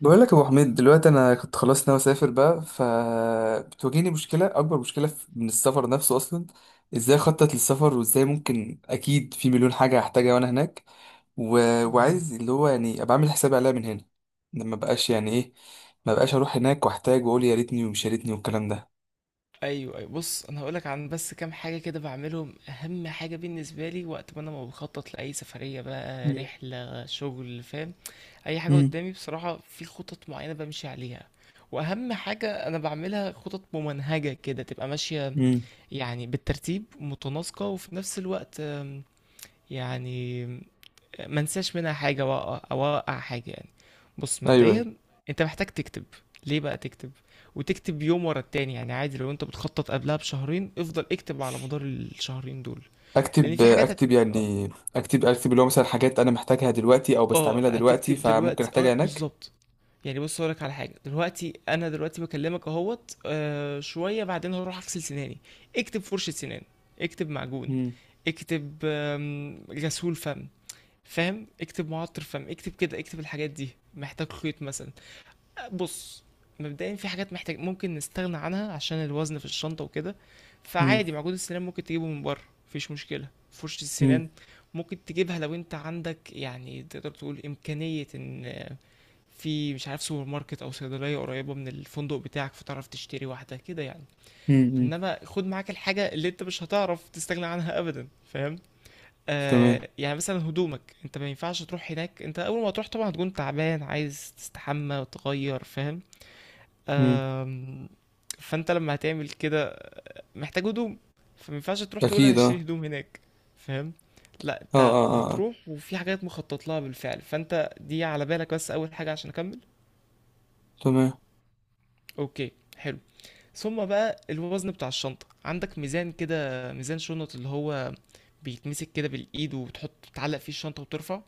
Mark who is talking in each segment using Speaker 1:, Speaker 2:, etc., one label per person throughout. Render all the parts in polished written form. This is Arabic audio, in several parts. Speaker 1: بقول لك يا ابو حميد، دلوقتي انا كنت خلاص ناوي اسافر بقى، فبتواجهني مشكله، اكبر مشكله من السفر نفسه اصلا. ازاي اخطط للسفر، وازاي ممكن، اكيد في مليون حاجه هحتاجها وانا هناك. و...
Speaker 2: مهم.
Speaker 1: وعايز، اللي هو يعني، ابقى عامل حسابي عليها من هنا. ما بقاش، يعني ايه، ما بقاش اروح هناك واحتاج واقول يا ريتني ومش يا ريتني والكلام ده.
Speaker 2: ايوه ايوه، بص انا هقولك عن بس كام حاجه كده بعملهم. اهم حاجه بالنسبه لي وقت ما انا ما بخطط لاي سفريه بقى،
Speaker 1: مم.
Speaker 2: رحله شغل، فاهم؟ اي حاجه
Speaker 1: مم.
Speaker 2: قدامي بصراحه، في خطط معينه بمشي عليها. واهم حاجه انا بعملها خطط ممنهجه كده تبقى ماشيه،
Speaker 1: مم.
Speaker 2: يعني بالترتيب متناسقه. وفي نفس الوقت يعني ما انساش منها حاجه، واقع او اوقع حاجه يعني. بص
Speaker 1: ايوه، أيوة.
Speaker 2: مبدئيا انت محتاج تكتب. ليه بقى تكتب وتكتب يوم ورا التاني؟ يعني عادي، لو انت بتخطط قبلها بشهرين، افضل اكتب على مدار الشهرين دول. لان
Speaker 1: اكتب
Speaker 2: في حاجات
Speaker 1: اكتب يعني. اكتب اكتب اللي هو مثلا حاجات انا محتاجها دلوقتي او
Speaker 2: اه،
Speaker 1: بستعملها دلوقتي
Speaker 2: هتكتب
Speaker 1: فممكن
Speaker 2: دلوقتي،
Speaker 1: احتاجها
Speaker 2: اه
Speaker 1: هناك.
Speaker 2: بالظبط. يعني بص هقولك على حاجه، دلوقتي انا دلوقتي بكلمك اهوت شويه بعدين هروح اغسل سناني. اكتب فرشه سنان، اكتب معجون،
Speaker 1: مم.
Speaker 2: اكتب غسول فم، فاهم؟ اكتب معطر، فاهم؟ اكتب كده، اكتب الحاجات دي. محتاج خيط مثلا. بص مبدئيا في حاجات محتاج ممكن نستغنى عنها عشان الوزن في الشنطة وكده.
Speaker 1: مم.
Speaker 2: فعادي معجون السنان ممكن تجيبه من بره، مفيش مشكلة. فرشة السنان ممكن تجيبها لو انت عندك، يعني تقدر تقول امكانية ان في مش عارف سوبر ماركت او صيدلية قريبة من الفندق بتاعك، فتعرف تشتري واحدة كده يعني.
Speaker 1: مم.
Speaker 2: انما خد معاك الحاجة اللي انت مش هتعرف تستغنى عنها ابدا، فاهم؟
Speaker 1: تمام.
Speaker 2: آه يعني مثلا هدومك، انت ما ينفعش تروح هناك، انت اول ما تروح طبعا هتكون تعبان عايز تستحمى وتغير، فاهم؟
Speaker 1: مم.
Speaker 2: آم، فانت لما هتعمل كده محتاج هدوم، فما ينفعش تروح تقول انا
Speaker 1: اكيد،
Speaker 2: هشتري
Speaker 1: اه،
Speaker 2: هدوم هناك، فاهم؟ لا
Speaker 1: اه،
Speaker 2: انت
Speaker 1: اه، اه، آه.
Speaker 2: هتروح وفي حاجات مخطط لها بالفعل. فانت دي على بالك بس اول حاجة عشان اكمل.
Speaker 1: تمام.
Speaker 2: اوكي، حلو. ثم بقى الوزن بتاع الشنطة، عندك ميزان كده، ميزان شنط، اللي هو بيتمسك كده بالايد وبتحط بتعلق فيه الشنطة وترفع.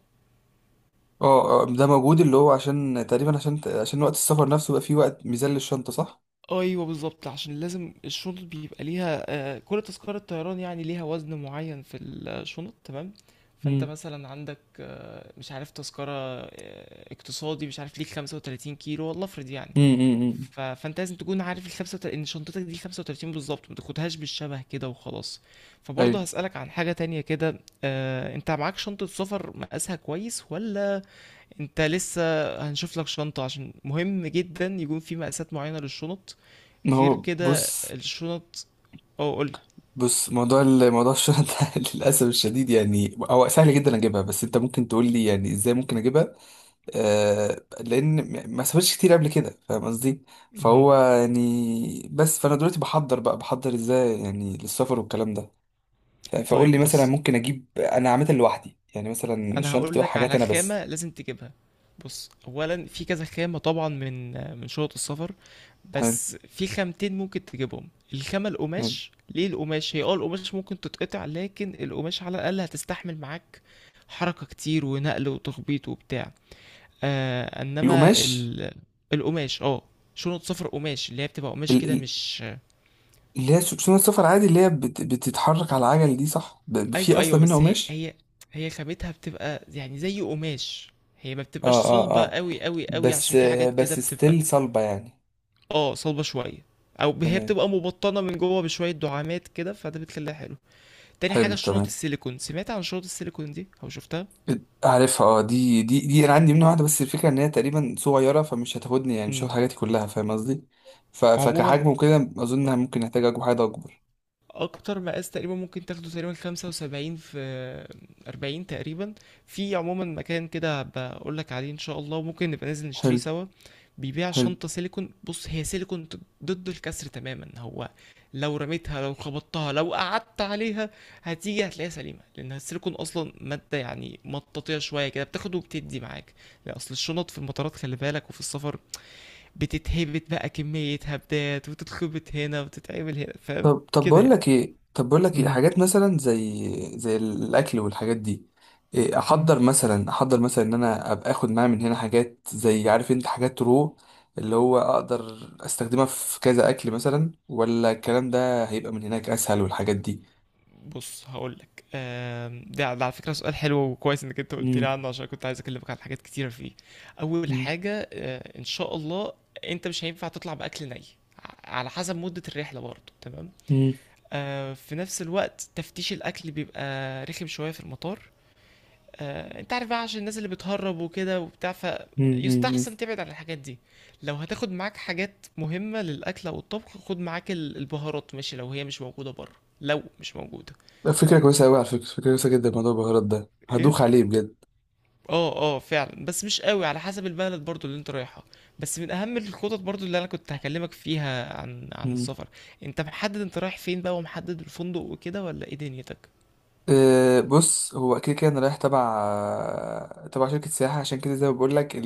Speaker 1: اه، آه، ده موجود، اللي هو عشان تقريبا عشان وقت السفر نفسه بقى فيه وقت ميزان للشنطة، صح؟
Speaker 2: ايوه بالظبط، عشان لازم الشنط بيبقى ليها كل تذكرة طيران يعني ليها وزن معين في الشنط، تمام. فانت
Speaker 1: امم.
Speaker 2: مثلا عندك مش عارف تذكرة اقتصادي، مش عارف ليك 35 كيلو والله افرض يعني.
Speaker 1: امم.
Speaker 2: فانت لازم تكون عارف ال 35، ان شنطتك دي 35 بالظبط، ما تاخدهاش بالشبه كده وخلاص. فبرضه
Speaker 1: ايوه.
Speaker 2: هسألك عن حاجة تانية كده، انت معاك شنطة سفر مقاسها كويس ولا انت لسه؟ هنشوف لك شنطة، عشان مهم جدا يكون في مقاسات معينة للشنط
Speaker 1: ما
Speaker 2: غير
Speaker 1: هو
Speaker 2: كده
Speaker 1: بص.
Speaker 2: الشنط. اه قولي.
Speaker 1: بص موضوع موضوع الشنطة للأسف الشديد، يعني هو سهل جدا أجيبها، بس أنت ممكن تقول لي يعني إزاي ممكن أجيبها. لأن ما سافرتش كتير قبل كده، فاهم قصدي؟
Speaker 2: مهم.
Speaker 1: فهو يعني بس، فأنا دلوقتي بحضر إزاي يعني للسفر والكلام ده. طيب فقول لي
Speaker 2: طيب
Speaker 1: مثلا،
Speaker 2: بص
Speaker 1: ممكن اجيب انا عاملها لوحدي، يعني مثلا
Speaker 2: انا
Speaker 1: الشنطه
Speaker 2: هقول
Speaker 1: تبقى
Speaker 2: لك
Speaker 1: حاجات
Speaker 2: على
Speaker 1: انا بس.
Speaker 2: خامة لازم تجيبها. بص اولا في كذا خامة طبعا من شنط السفر،
Speaker 1: حلو.
Speaker 2: بس في خامتين ممكن تجيبهم. الخامة
Speaker 1: حلو.
Speaker 2: القماش، ليه القماش؟ هي اه القماش ممكن تتقطع، لكن القماش على الاقل هتستحمل معاك حركة كتير ونقل وتخبيط وبتاع. آه انما
Speaker 1: القماش.
Speaker 2: ال... القماش اه، شنط صفر قماش اللي هي بتبقى قماش
Speaker 1: ال-
Speaker 2: كده
Speaker 1: ال-
Speaker 2: مش
Speaker 1: اللي هي سنة سفر عادي، اللي هي بتتحرك على العجل دي، صح؟ في
Speaker 2: ايوه ايوه،
Speaker 1: اصلا منها
Speaker 2: بس هي
Speaker 1: قماش؟
Speaker 2: هي هي خامتها بتبقى يعني زي قماش، هي ما بتبقاش
Speaker 1: اه، اه،
Speaker 2: صلبة
Speaker 1: اه.
Speaker 2: قوي قوي قوي
Speaker 1: بس
Speaker 2: عشان في حاجات كده
Speaker 1: بس
Speaker 2: بتبقى
Speaker 1: ستيل صلبة يعني.
Speaker 2: اه صلبة شوية، او هي
Speaker 1: تمام.
Speaker 2: بتبقى مبطنة من جوه بشوية دعامات كده، فده بتخليها حلو. تاني حاجة
Speaker 1: حلو،
Speaker 2: الشنط
Speaker 1: تمام.
Speaker 2: السيليكون، سمعت عن شنط السيليكون دي او شفتها؟
Speaker 1: عارفها، اه، دي انا عندي منها واحدة، بس الفكرة ان هي تقريبا صغيرة فمش هتاخدني، يعني مش
Speaker 2: امم
Speaker 1: هاخد حاجاتي كلها، فاهم قصدي؟
Speaker 2: عموما
Speaker 1: فكحجم وكده اظن ممكن احتاج اجيب حاجة اكبر.
Speaker 2: اكتر مقاس تقريبا ممكن تاخده تقريبا 75 في 40 تقريبا. في عموما مكان كده بقول لك عليه ان شاء الله، وممكن نبقى ننزل نشتريه
Speaker 1: حلو.
Speaker 2: سوا. بيبيع
Speaker 1: حلو.
Speaker 2: شنطة سيليكون. بص هي سيليكون ضد الكسر تماما. هو لو رميتها، لو خبطتها، لو قعدت عليها، هتيجي هتلاقيها سليمة، لأن السيليكون أصلا مادة يعني مطاطية شوية كده، بتاخد وبتدي معاك. لأن أصل الشنط في المطارات خلي بالك، وفي السفر بتتهبت بقى كمية هبدات وتتخبط هنا وتتعمل هنا، فاهم كده يعني.
Speaker 1: طب بقول لك ايه،
Speaker 2: مهم.
Speaker 1: حاجات مثلا زي الاكل والحاجات دي؟ إيه
Speaker 2: مم.
Speaker 1: احضر مثلا ان انا ابقى اخد معايا من هنا حاجات، زي، عارف انت، حاجات رو، اللي هو اقدر استخدمها في كذا اكل مثلا، ولا الكلام ده هيبقى من هناك اسهل والحاجات دي؟
Speaker 2: بص هقول لك، ده ده على فكره سؤال حلو وكويس انك انت قلت لي
Speaker 1: مم.
Speaker 2: عنه، عشان كنت عايز اكلمك عن حاجات كتيره فيه. اول
Speaker 1: مم.
Speaker 2: حاجه ان شاء الله انت مش هينفع تطلع باكل ني. على حسب مده الرحله برضه، تمام.
Speaker 1: مم.
Speaker 2: في نفس الوقت تفتيش الاكل بيبقى رخم شويه في المطار، انت عارف بقى عشان الناس اللي بتهرب وكده وبتاع.
Speaker 1: مم. مم.
Speaker 2: فيستحسن تبعد عن الحاجات دي. لو هتاخد معاك حاجات مهمة للأكل أو الطبخ، خد معاك البهارات، ماشي، لو هي مش موجودة بره. لو مش موجودة،
Speaker 1: مم. فكرة
Speaker 2: تمام.
Speaker 1: كويسة أوي، على فكرة، فكرة كويسة جدا موضوع البهارات ده،
Speaker 2: ايه،
Speaker 1: هدوخ عليه بجد.
Speaker 2: اه اه فعلا، بس مش قوي على حسب البلد برضو اللي انت رايحها. بس من اهم الخطط برضو اللي انا كنت هكلمك فيها عن
Speaker 1: مم.
Speaker 2: السفر، انت محدد انت رايح فين بقى ومحدد الفندق وكده ولا ايه دنيتك؟
Speaker 1: أه، بص، هو كده كده أنا رايح تبع شركة سياحة، عشان كده زي ما بقول لك.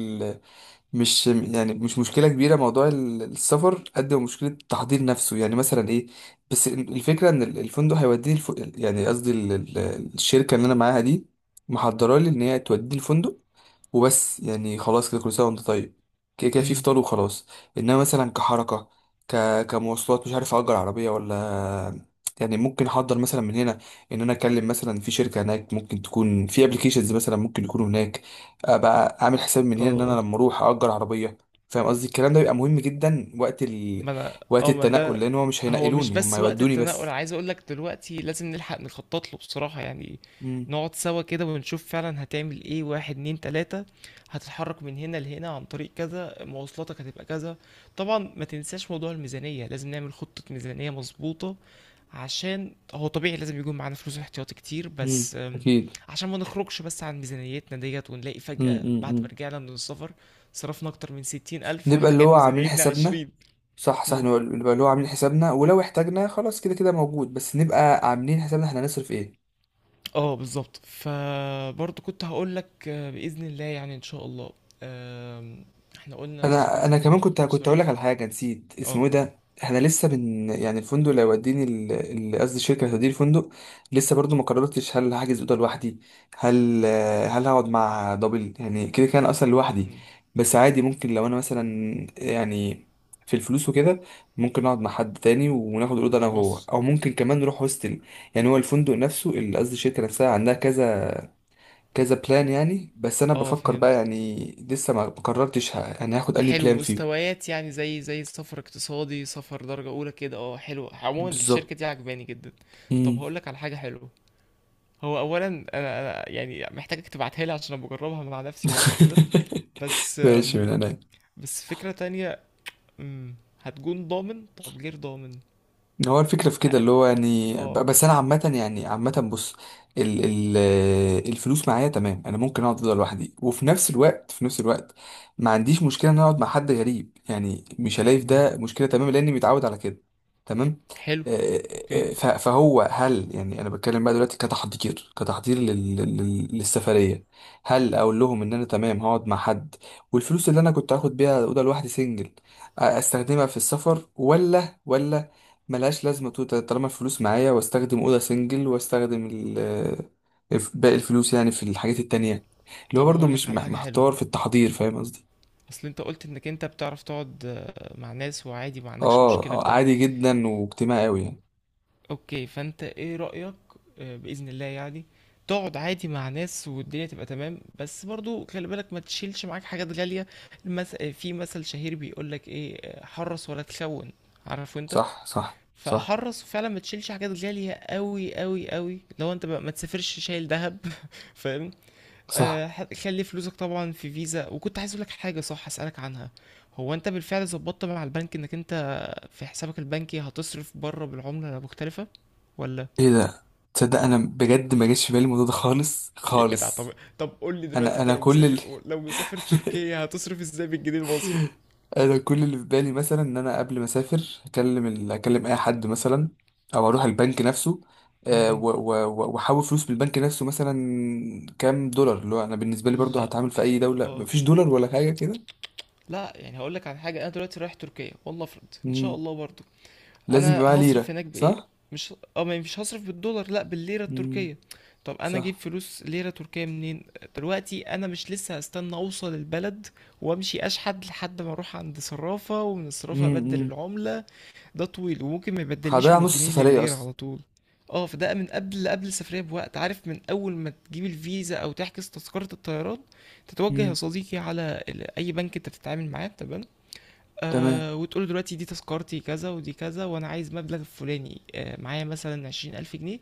Speaker 1: مش مشكلة كبيرة موضوع السفر، قد ما مشكلة تحضير نفسه، يعني مثلا ايه. بس الفكرة ان الفندق هيوديني يعني قصدي، الشركة اللي انا معاها دي محضرة لي ان هي توديني الفندق وبس، يعني خلاص كده، كل سنة وانت طيب، كده كده في
Speaker 2: امم.
Speaker 1: فطار وخلاص. انما مثلا كحركة، ك... كمواصلات، مش عارف اجر عربية ولا، يعني ممكن احضر مثلا من هنا ان انا اكلم مثلا في شركة هناك، ممكن تكون في ابلكيشنز مثلا ممكن يكونوا هناك، ابقى اعمل حساب من هنا ان
Speaker 2: اه
Speaker 1: انا لما اروح اجر عربية، فاهم قصدي؟ الكلام ده بيبقى مهم جدا وقت
Speaker 2: ما انا
Speaker 1: وقت
Speaker 2: اه ما
Speaker 1: التنقل،
Speaker 2: ده،
Speaker 1: لان هو مش
Speaker 2: هو مش
Speaker 1: هينقلوني، هم
Speaker 2: بس وقت
Speaker 1: هيودوني
Speaker 2: التنقل،
Speaker 1: بس.
Speaker 2: انا عايز اقول لك دلوقتي لازم نلحق نخطط له بصراحة يعني.
Speaker 1: امم.
Speaker 2: نقعد سوا كده ونشوف فعلا هتعمل ايه. واحد اتنين تلاتة، هتتحرك من هنا لهنا عن طريق كذا، مواصلاتك هتبقى كذا. طبعا ما تنساش موضوع الميزانية، لازم نعمل خطة ميزانية مظبوطة. عشان هو طبيعي لازم يكون معانا فلوس احتياطي كتير،
Speaker 1: امم.
Speaker 2: بس
Speaker 1: اكيد.
Speaker 2: عشان ما نخرجش بس عن ميزانيتنا ديت، ونلاقي
Speaker 1: امم.
Speaker 2: فجأة
Speaker 1: امم.
Speaker 2: بعد ما
Speaker 1: إمم.
Speaker 2: رجعنا من السفر صرفنا أكتر من 60,000
Speaker 1: نبقى
Speaker 2: وإحنا
Speaker 1: اللي
Speaker 2: كانت
Speaker 1: هو عاملين
Speaker 2: ميزانيتنا
Speaker 1: حسابنا.
Speaker 2: 20,000.
Speaker 1: صح، صح، نبقى اللي هو عاملين حسابنا، ولو احتاجنا خلاص كده كده موجود، بس نبقى عاملين حسابنا احنا هنصرف ايه.
Speaker 2: اه بالظبط. فبرضه كنت هقول لك بإذن الله يعني، إن شاء الله آم، احنا قلنا
Speaker 1: انا
Speaker 2: تظبيطة
Speaker 1: انا كمان كنت اقول لك
Speaker 2: المصاريف.
Speaker 1: على حاجه، نسيت اسمه
Speaker 2: اه.
Speaker 1: ايه ده، احنا لسه بن، يعني الفندق اللي هيوديني قصدي الشركه اللي هتوديني الفندق، لسه برضو ما قررتش هل هحجز اوضه لوحدي، هل هل هقعد مع دبل، يعني كده كان اصلا لوحدي،
Speaker 2: مم.
Speaker 1: بس عادي ممكن لو انا مثلا يعني، في الفلوس وكده، ممكن اقعد مع حد تاني وناخد الاوضه انا وهو،
Speaker 2: بص.
Speaker 1: او ممكن كمان نروح هوستل. يعني هو الفندق نفسه، قصدي الشركه نفسها، عندها كذا كذا بلان يعني، بس انا
Speaker 2: اه
Speaker 1: بفكر بقى،
Speaker 2: فهمت.
Speaker 1: يعني لسه ما قررتش يعني هاخد اني
Speaker 2: حلو،
Speaker 1: بلان فيهم.
Speaker 2: مستويات يعني زي زي سفر اقتصادي سفر درجة أولى كده، اه حلو، عموما
Speaker 1: بالظبط.
Speaker 2: الشركة دي عجباني جدا. طب
Speaker 1: مم.
Speaker 2: هقول لك على حاجة حلوة. هو أولا أنا يعني محتاجك تبعتها لي عشان أنا بجربها مع نفسي برضه كده، بس
Speaker 1: ماشي، من عينيا.
Speaker 2: بس فكرة تانية مم، هتكون ضامن؟ طب غير ضامن.
Speaker 1: هو الفكرة في كده،
Speaker 2: ه-
Speaker 1: اللي هو يعني
Speaker 2: اه،
Speaker 1: بس أنا عامة، يعني عامة، بص، ال ال الفلوس معايا تمام، أنا ممكن أقعد أفضل لوحدي، وفي نفس الوقت في نفس الوقت ما عنديش مشكلة إن أنا أقعد مع حد غريب، يعني مش هلاقي في ده مشكلة، تمام، لأني متعود على كده. تمام.
Speaker 2: حلو.
Speaker 1: آه،
Speaker 2: اوكي.
Speaker 1: فهو، هل يعني أنا بتكلم بقى دلوقتي كتحضير لل لل للسفرية، هل أقول لهم إن أنا تمام هقعد مع حد، والفلوس اللي أنا كنت هاخد بيها أوضة لوحدي سنجل أستخدمها في السفر، ولا ملهاش لازمة توتال طالما الفلوس معايا، واستخدم أوضة سنجل واستخدم باقي الفلوس يعني في الحاجات التانية، اللي هو
Speaker 2: طب
Speaker 1: برضو
Speaker 2: هقولك
Speaker 1: مش
Speaker 2: على حاجة حلوة،
Speaker 1: محتار في التحضير، فاهم قصدي؟
Speaker 2: اصل انت قلت انك انت بتعرف تقعد مع ناس وعادي ما عندكش
Speaker 1: اه،
Speaker 2: مشكلة في ده.
Speaker 1: عادي جدا واجتماعي أوي يعني.
Speaker 2: اوكي فانت ايه رأيك؟ بإذن الله يعني تقعد عادي مع ناس والدنيا تبقى تمام، بس برضو خلي بالك ما تشيلش معاك حاجات غالية. في مثل شهير بيقولك ايه، حرص ولا تخون، عارفه انت.
Speaker 1: صح، صح، صح،
Speaker 2: فحرص فعلا ما تشيلش حاجات غالية قوي قوي قوي. لو انت بقى ما تسافرش شايل ذهب فاهم.
Speaker 1: صح.
Speaker 2: خلي فلوسك طبعا في فيزا. وكنت عايز اقول لك حاجه صح اسالك عنها، هو انت بالفعل ظبطت مع البنك انك انت في حسابك البنكي هتصرف بره بالعمله مختلفه ولا؟
Speaker 1: ايه ده، تصدق انا بجد ما جاش في بالي الموضوع ده خالص
Speaker 2: يا جدع. طب
Speaker 1: خالص.
Speaker 2: طب قول لي دلوقتي،
Speaker 1: انا
Speaker 2: انت
Speaker 1: انا
Speaker 2: لو
Speaker 1: كل
Speaker 2: مسافر، لو مسافر تركيا هتصرف ازاي؟ بالجنيه المصري؟
Speaker 1: انا كل اللي في بالي مثلا ان انا قبل ما اسافر اكلم اكلم اي حد مثلا، او اروح البنك نفسه،
Speaker 2: مم.
Speaker 1: واحول فلوس من البنك نفسه، مثلا كام دولار، اللي هو انا بالنسبه لي برضو
Speaker 2: لا.
Speaker 1: هتعامل في اي دوله،
Speaker 2: اه
Speaker 1: مفيش دولار ولا حاجه كده.
Speaker 2: لا، يعني هقول لك على حاجه، انا دلوقتي رايح تركيا والله افرض ان شاء
Speaker 1: مم.
Speaker 2: الله برضو،
Speaker 1: لازم
Speaker 2: انا
Speaker 1: يبقى معايا
Speaker 2: هصرف
Speaker 1: ليره،
Speaker 2: هناك بايه؟
Speaker 1: صح.
Speaker 2: مش اه ما مش هصرف بالدولار، لا بالليره
Speaker 1: مم.
Speaker 2: التركيه. طب انا اجيب
Speaker 1: صح.
Speaker 2: فلوس ليره تركيه منين؟ دلوقتي انا مش لسه هستنى اوصل البلد وامشي اشحد لحد ما اروح عند صرافه ومن
Speaker 1: مم.
Speaker 2: الصرافه ابدل
Speaker 1: مم.
Speaker 2: العمله. ده طويل وممكن ما يبدليش
Speaker 1: هضيع
Speaker 2: من
Speaker 1: نص
Speaker 2: الجنيه
Speaker 1: السفريه
Speaker 2: للليره
Speaker 1: اصلا.
Speaker 2: على طول. اه، فده من قبل قبل السفريه بوقت، عارف من اول ما تجيب الفيزا او تحجز تذكره الطيران، تتوجه يا
Speaker 1: مم.
Speaker 2: صديقي على اي بنك انت بتتعامل معاه، تمام.
Speaker 1: تمام.
Speaker 2: آه وتقول دلوقتي دي تذكرتي كذا ودي كذا، وانا عايز مبلغ الفلاني آه، معايا مثلا 20,000 جنيه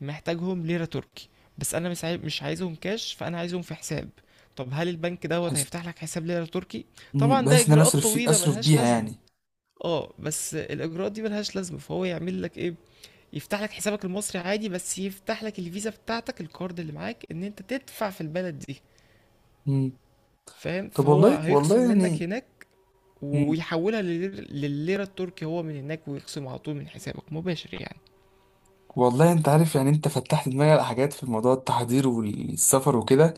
Speaker 2: محتاجهم ليرة تركي. بس انا مش عايزهم كاش، فانا عايزهم في حساب. طب هل البنك دوت
Speaker 1: بحيث،
Speaker 2: هيفتح لك حساب ليرة تركي؟
Speaker 1: مم.
Speaker 2: طبعا ده
Speaker 1: بحيث ان انا
Speaker 2: اجراءات طويلة
Speaker 1: اصرف
Speaker 2: ملهاش
Speaker 1: بيها
Speaker 2: لازمة.
Speaker 1: يعني.
Speaker 2: اه بس الاجراءات دي ملهاش لازمة، فهو يعمل لك ايه؟ يفتح لك حسابك المصري عادي، بس يفتح لك الفيزا بتاعتك الكارد اللي معاك ان انت تدفع في البلد دي،
Speaker 1: مم.
Speaker 2: فاهم؟
Speaker 1: طب،
Speaker 2: فهو
Speaker 1: والله،
Speaker 2: هيخصم
Speaker 1: والله
Speaker 2: منك هناك
Speaker 1: يعني،
Speaker 2: ويحولها للليرة التركي هو من هناك، ويخصم على طول من حسابك مباشر يعني.
Speaker 1: والله انت عارف يعني، انت فتحت دماغي على حاجات في موضوع التحضير والسفر وكده،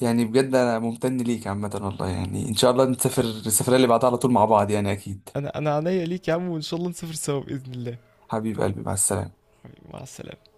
Speaker 1: يعني بجد انا ممتن ليك عامة، والله، يعني ان شاء الله نسافر السفرية اللي بعدها على طول مع بعض يعني، اكيد.
Speaker 2: انا عينيا ليك يا عم، وان شاء الله نسافر سوا باذن الله.
Speaker 1: حبيب قلبي، مع السلامة.
Speaker 2: حبيبي، مع السلامة.